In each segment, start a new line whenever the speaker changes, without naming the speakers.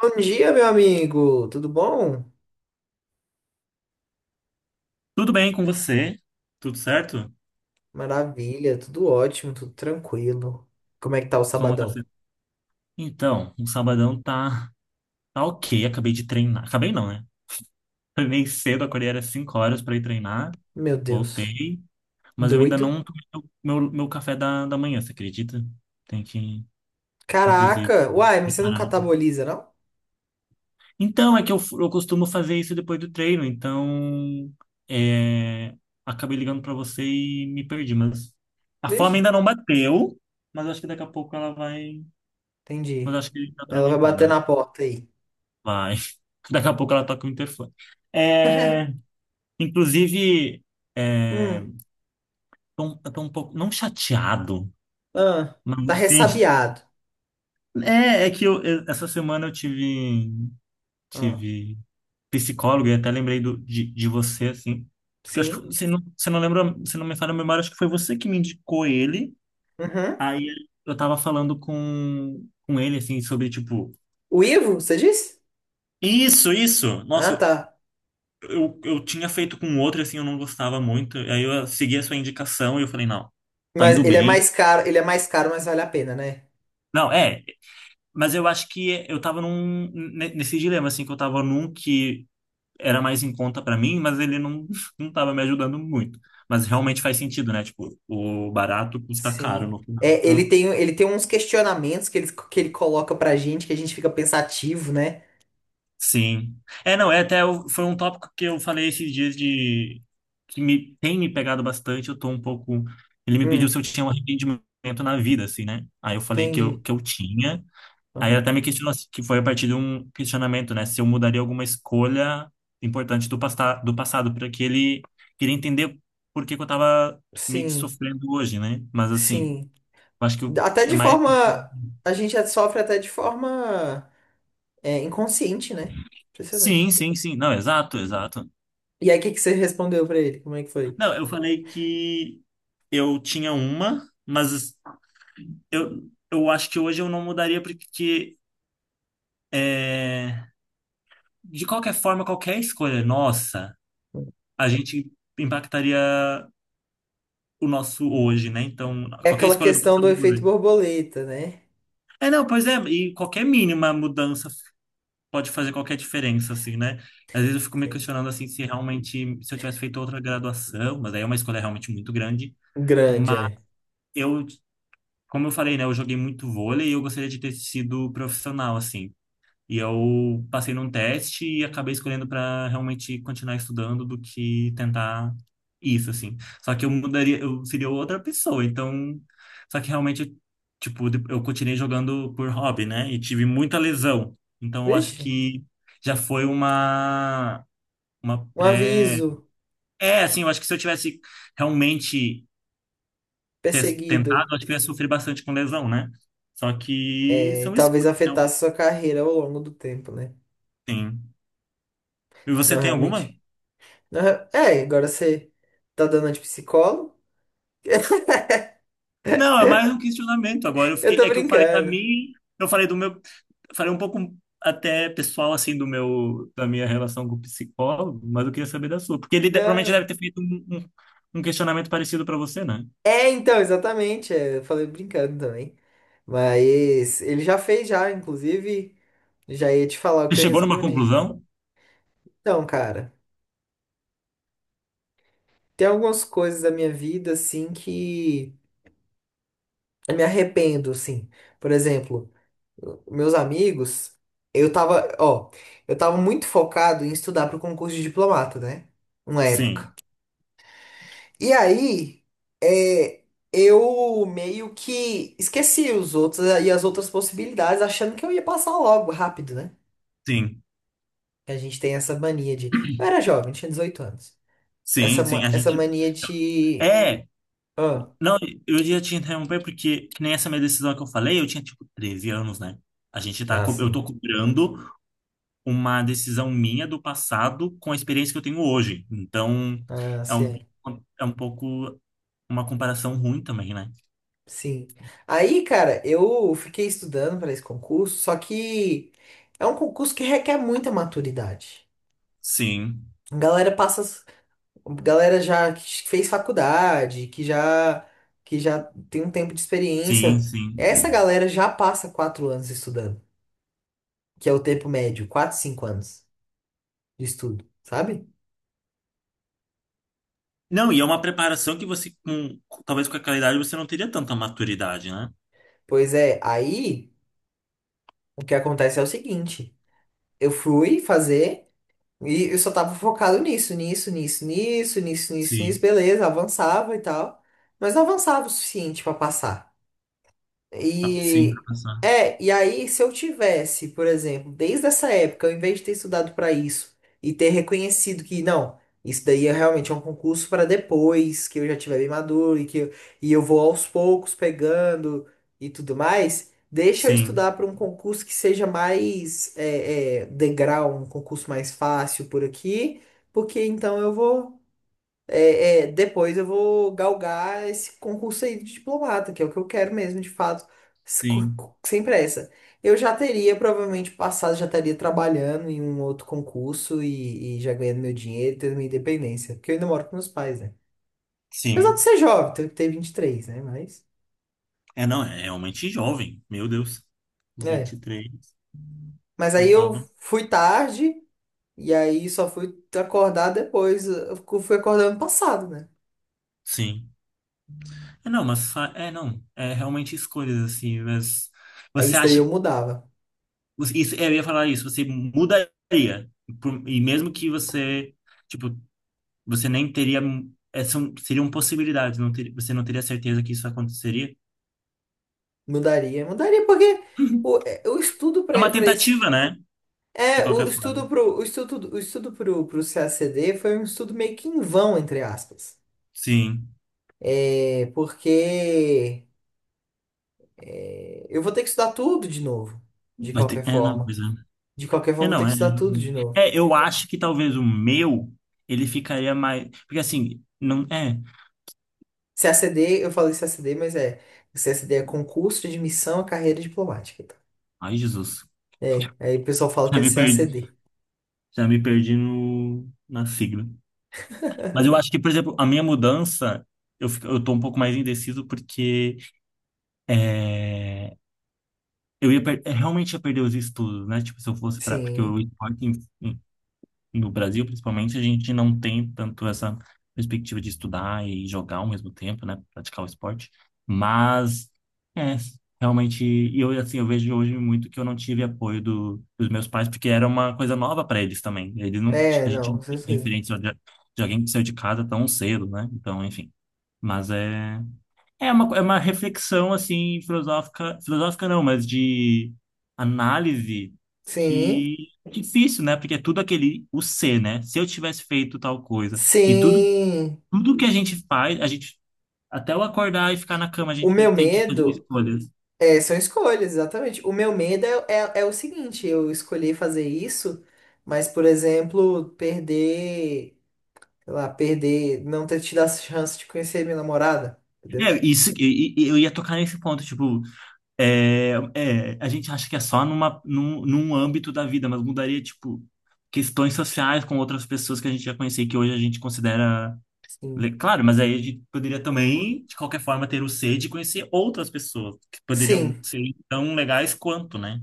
Bom dia, meu amigo. Tudo bom?
Tudo bem com você? Tudo certo?
Maravilha, tudo ótimo, tudo tranquilo. Como é que tá o
Como tá
sabadão?
sendo? Então, o sabadão tá, tá ok. Acabei de treinar. Acabei não, né? Foi meio cedo, acordei era 5 horas pra ir treinar.
Meu Deus,
Voltei, mas eu ainda
doido.
não tomei o meu café da manhã, você acredita? Tem que, inclusive,
Caraca, uai, mas você não
preparar.
cataboliza, não?
Então, eu costumo fazer isso depois do treino, então é, acabei ligando pra você e me perdi, mas a fome
Beijo.
ainda não bateu, mas acho que daqui a pouco ela vai.
Entendi.
Mas acho que dá pra
Ela vai
aguentar,
bater
dá.
na porta aí.
Vai. Daqui a pouco ela toca o interfone. É, inclusive, é,
Hum.
tô, um, Eu tô um pouco, não chateado,
Ah,
mas
tá
assim,
ressabiado.
essa semana eu
Ah,
tive psicólogo e até lembrei de você, assim, porque eu acho que
sim.
você não lembra, você não me fala a memória, acho que foi você que me indicou ele,
Uhum.
aí eu tava falando com ele, assim, sobre, tipo,
O Ivo, você disse?
isso, nossa,
Ah, tá.
eu tinha feito com outro, assim, eu não gostava muito. Aí eu segui a sua indicação e eu falei, não, tá
Mas
indo
ele é
bem.
mais caro, ele é mais caro, mas vale a pena, né?
Não, é, mas eu acho que eu tava nesse dilema, assim, que eu tava num que era mais em conta pra mim, mas ele não, não tava me ajudando muito. Mas realmente
Sim.
faz sentido, né? Tipo, o barato custa caro
Sim.
no final.
É, ele
Então,
tem, ele tem uns questionamentos que ele coloca pra gente que a gente fica pensativo, né?
sim. É, não, foi um tópico que eu falei esses dias de que me tem me pegado bastante, eu tô um pouco ele me pediu
Hum,
se eu tinha um arrependimento na vida assim, né? Aí eu falei
entendi.
que eu tinha. Aí ele
Aham.
até me questionou assim, que foi a partir de um questionamento, né, se eu mudaria alguma escolha importante do passado, porque ele queria entender por que que eu tava meio que
Sim,
sofrendo hoje, né? Mas assim,
sim.
eu acho que
Até
é
de
mais.
forma. A gente sofre até de forma, é, inconsciente, né?
Sim,
Impressionante.
sim, sim. Não, exato, exato.
E aí, o que que você respondeu pra ele? Como é que foi?
Não, eu falei que eu tinha uma, mas eu acho que hoje eu não mudaria porque, é, de qualquer forma, qualquer escolha nossa, a gente impactaria o nosso hoje, né? Então,
É
qualquer
aquela
escolha do
questão
passado
do efeito
mudaria.
borboleta, né?
É, não, pois é, e qualquer mínima mudança pode fazer qualquer diferença, assim, né? Às vezes eu fico me
Sim.
questionando, assim, se realmente, se eu tivesse feito outra graduação, mas aí é uma escolha realmente muito grande,
Grande,
mas
é.
eu como eu falei, né, eu joguei muito vôlei e eu gostaria de ter sido profissional, assim. E eu passei num teste e acabei escolhendo para realmente continuar estudando do que tentar isso, assim. Só que eu mudaria, eu seria outra pessoa, então. Só que realmente, tipo, eu continuei jogando por hobby, né? E tive muita lesão. Então eu acho
Vixe,
que já foi uma. Uma
um
pré.
aviso
É, assim, eu acho que se eu tivesse realmente ter
perseguido.
tentado, acho que eu ia sofrer bastante com lesão, né? Só que
É, e
são
talvez
escolhas, então,
afetasse sua carreira ao longo do tempo, né?
sim. E você
Não,
tem alguma?
realmente. Aham. É, agora você tá dando de psicólogo?
Não, é mais um questionamento. Agora eu
Eu
fiquei,
tô
é que eu falei da
brincando.
minha, eu falei do meu, falei um pouco até pessoal assim do meu, da minha relação com o psicólogo, mas eu queria saber da sua, porque ele provavelmente
Não.
deve ter feito um um questionamento parecido para você, né?
É, então, exatamente. É, eu falei brincando também. Mas ele já fez já, inclusive, já ia te falar o que
Você
eu
chegou numa
respondi.
conclusão?
Então, cara, tem algumas coisas da minha vida, assim, que eu me arrependo, assim. Por exemplo, meus amigos, eu tava, ó, eu tava muito focado em estudar pro concurso de diplomata, né? Uma época.
Sim,
E aí, é, eu meio que esqueci os outros e as outras possibilidades, achando que eu ia passar logo, rápido, né?
sim,
Que a gente tem essa mania de. Eu era jovem, tinha 18 anos. Essa,
sim, sim. A
essa
gente
mania de.
é.
Ah,
Não, eu ia te interromper porque, que nem essa minha decisão que eu falei, eu tinha tipo 13 anos, né? A gente
ah,
eu
sim.
tô cobrando uma decisão minha do passado com a experiência que eu tenho hoje. Então,
Ah,
é
sim.
um, é um pouco uma comparação ruim também, né?
Sim. Aí, cara, eu fiquei estudando para esse concurso, só que é um concurso que requer muita maturidade.
Sim,
A galera passa. Galera já que fez faculdade, que já tem um tempo de
sim,
experiência.
sim.
Essa galera já passa 4 anos estudando, que é o tempo médio, 4, 5 anos de estudo, sabe?
Não, e é uma preparação que você, com, talvez com aquela idade, você não teria tanta maturidade, né?
Pois é, aí o que acontece é o seguinte: eu fui fazer e eu só tava focado nisso, nisso, nisso, nisso, nisso, nisso, nisso,
Sim,
beleza, avançava e tal, mas não avançava o suficiente pra passar.
sim, pra
E
passar.
aí se eu tivesse, por exemplo, desde essa época, ao invés de ter estudado para isso e ter reconhecido que não, isso daí realmente é um concurso para depois, que eu já tiver bem maduro e que eu, vou aos poucos pegando e tudo mais, deixa eu
Sim,
estudar para um concurso que seja mais degrau, um concurso mais fácil por aqui, porque então eu vou é, é, depois eu vou galgar esse concurso aí de diplomata, que é o que eu quero mesmo, de fato,
sim,
sem pressa. Eu já teria provavelmente passado, já estaria trabalhando em um outro concurso e já ganhando meu dinheiro, tendo minha independência, porque eu ainda moro com meus pais, né? Apesar
sim.
de ser jovem, ter 23, né? Mas,
É, não, é realmente jovem. Meu Deus.
é.
23,
Mas
eu
aí eu
tava.
fui tarde e aí só fui acordar depois, eu fui acordar ano passado, né?
Sim. É, não. É realmente escolhas, assim. Mas
Aí
você
isso daí
acha.
eu mudava.
Você- Isso, eu ia falar isso. Você mudaria. Por- e mesmo que você. Tipo, você nem teria. É, são, seriam possibilidades. Não ter, você não teria certeza que isso aconteceria.
Mudaria porque o estudo
É
para
uma
para esse
tentativa, né? De
é
qualquer forma.
o estudo pro, pro CCACD foi um estudo meio que em vão, entre aspas.
Sim.
É, porque é, eu vou ter que estudar tudo de novo, de
Vai ter.
qualquer
É, não,
forma.
pois é.
De qualquer forma,
É,
eu vou ter
não,
que
é,
estudar tudo de novo.
é, eu acho que talvez o meu, ele ficaria mais, porque assim, não, é,
CCACD, eu falei CCACD, mas é CCACD, é concurso de admissão à carreira diplomática. Tá?
ai Jesus,
É, aí o pessoal fala que
já
é
me
C C A C
perdi,
D
já me perdi no, na sigla. Mas eu acho que, por exemplo, a minha mudança, eu tô um pouco mais indeciso porque é, eu realmente ia perder os estudos, né? Tipo, se eu fosse para, porque eu
Sim.
no Brasil, principalmente, a gente não tem tanto essa perspectiva de estudar e jogar ao mesmo tempo, né? Praticar o esporte. Mas, é, realmente, e eu, assim, eu vejo hoje muito que eu não tive apoio dos meus pais, porque era uma coisa nova para eles também. Eles não, ti-
É,
a gente
não, com
não tinha
certeza.
referência de alguém que saiu de casa tão cedo, né? Então, enfim. Mas é. É uma reflexão, assim, filosófica não, mas de análise
Sim.
que é difícil, né? Porque é tudo aquele, o ser, né? Se eu tivesse feito tal coisa. E tudo,
Sim.
tudo que a gente faz, a gente, até eu acordar e ficar na cama, a
O
gente
meu
tem que fazer
medo
escolhas.
é, são escolhas, exatamente. O meu medo é o seguinte, eu escolhi fazer isso, mas, por exemplo, perder, sei lá, perder, não ter tido a chance de conhecer minha namorada, entendeu?
É, isso, eu ia tocar nesse ponto, tipo, é, é, a gente acha que é só num âmbito da vida, mas mudaria, tipo, questões sociais com outras pessoas que a gente já conhecia, e que hoje a gente considera. Le-
Sim.
Claro, mas aí a gente poderia também, de qualquer forma, ter o C de conhecer outras pessoas que poderiam
Sim,
ser tão legais quanto, né?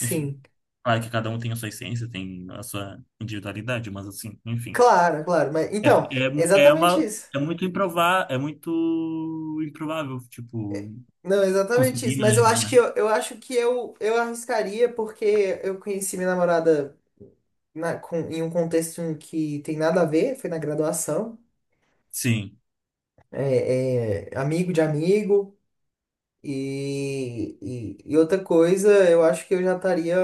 Enfim, claro que cada um tem a sua essência, tem a sua individualidade, mas assim, enfim.
Claro, claro. Mas, então,
É,
é exatamente isso.
é muito improvável, tipo,
Não, é exatamente
conseguir
isso. Mas eu
imaginar,
acho que
né?
eu acho que eu arriscaria porque eu conheci minha namorada em um contexto em que tem nada a ver, foi na graduação.
Sim,
É, é amigo de amigo e outra coisa, eu acho que eu já estaria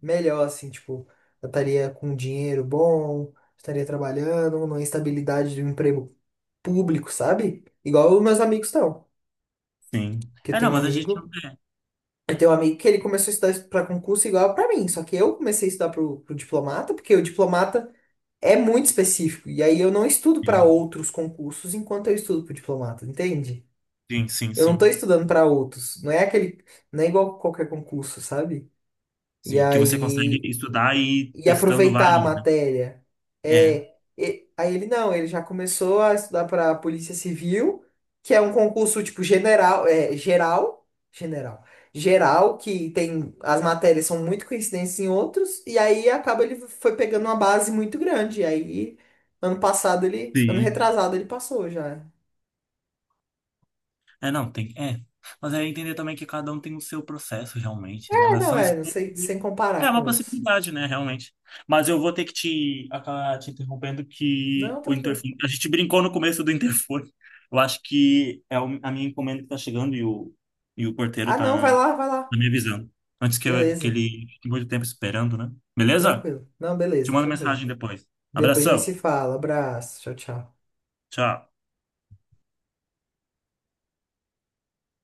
melhor, assim, tipo, eu estaria com dinheiro bom, estaria trabalhando, numa estabilidade de um emprego público, sabe? Igual os meus amigos estão.
sim.
Que eu
É, não,
tenho um
mas a gente não
amigo,
quer.
eu tenho um amigo que ele começou a estudar para concurso igual para mim, só que eu comecei a estudar pro diplomata, porque o diplomata é muito específico, e aí eu não estudo para
Sim,
outros concursos enquanto eu estudo pro diplomata, entende?
sim, sim,
Eu não tô
sim.
estudando para outros. Não é aquele, não é igual qualquer concurso, sabe? E
Sim, que você consegue
aí,
estudar e ir
e
testando
aproveitar a
vários, né?
matéria.
É.
É, aí ele não, ele já começou a estudar para Polícia Civil, que é um concurso tipo general, é, geral, general, geral, que tem as matérias são muito coincidentes em outros, e aí acaba ele foi pegando uma base muito grande. E aí, ano passado ele, ano
Sim.
retrasado ele passou já.
É, não, tem. É. Mas é entender também que cada um tem o seu processo, realmente, né? Mas são
É, não
escolhas.
sei,
E-
sem comparar
É
com
uma
outros.
possibilidade, né, realmente. Mas eu vou ter que te acabar te interrompendo que
Não,
o
tranquilo.
interfone. A gente brincou no começo do interfone. Eu acho que a minha encomenda que tá chegando e o porteiro
Ah, não, vai
tá,
lá, vai lá.
tá me avisando. Antes que, que
Beleza,
ele fique muito tempo esperando, né? Beleza?
tranquilo. Não,
Te
beleza,
mando
tranquilo.
mensagem depois.
Depois a gente
Abração.
se fala. Abraço, tchau, tchau.
Tchau.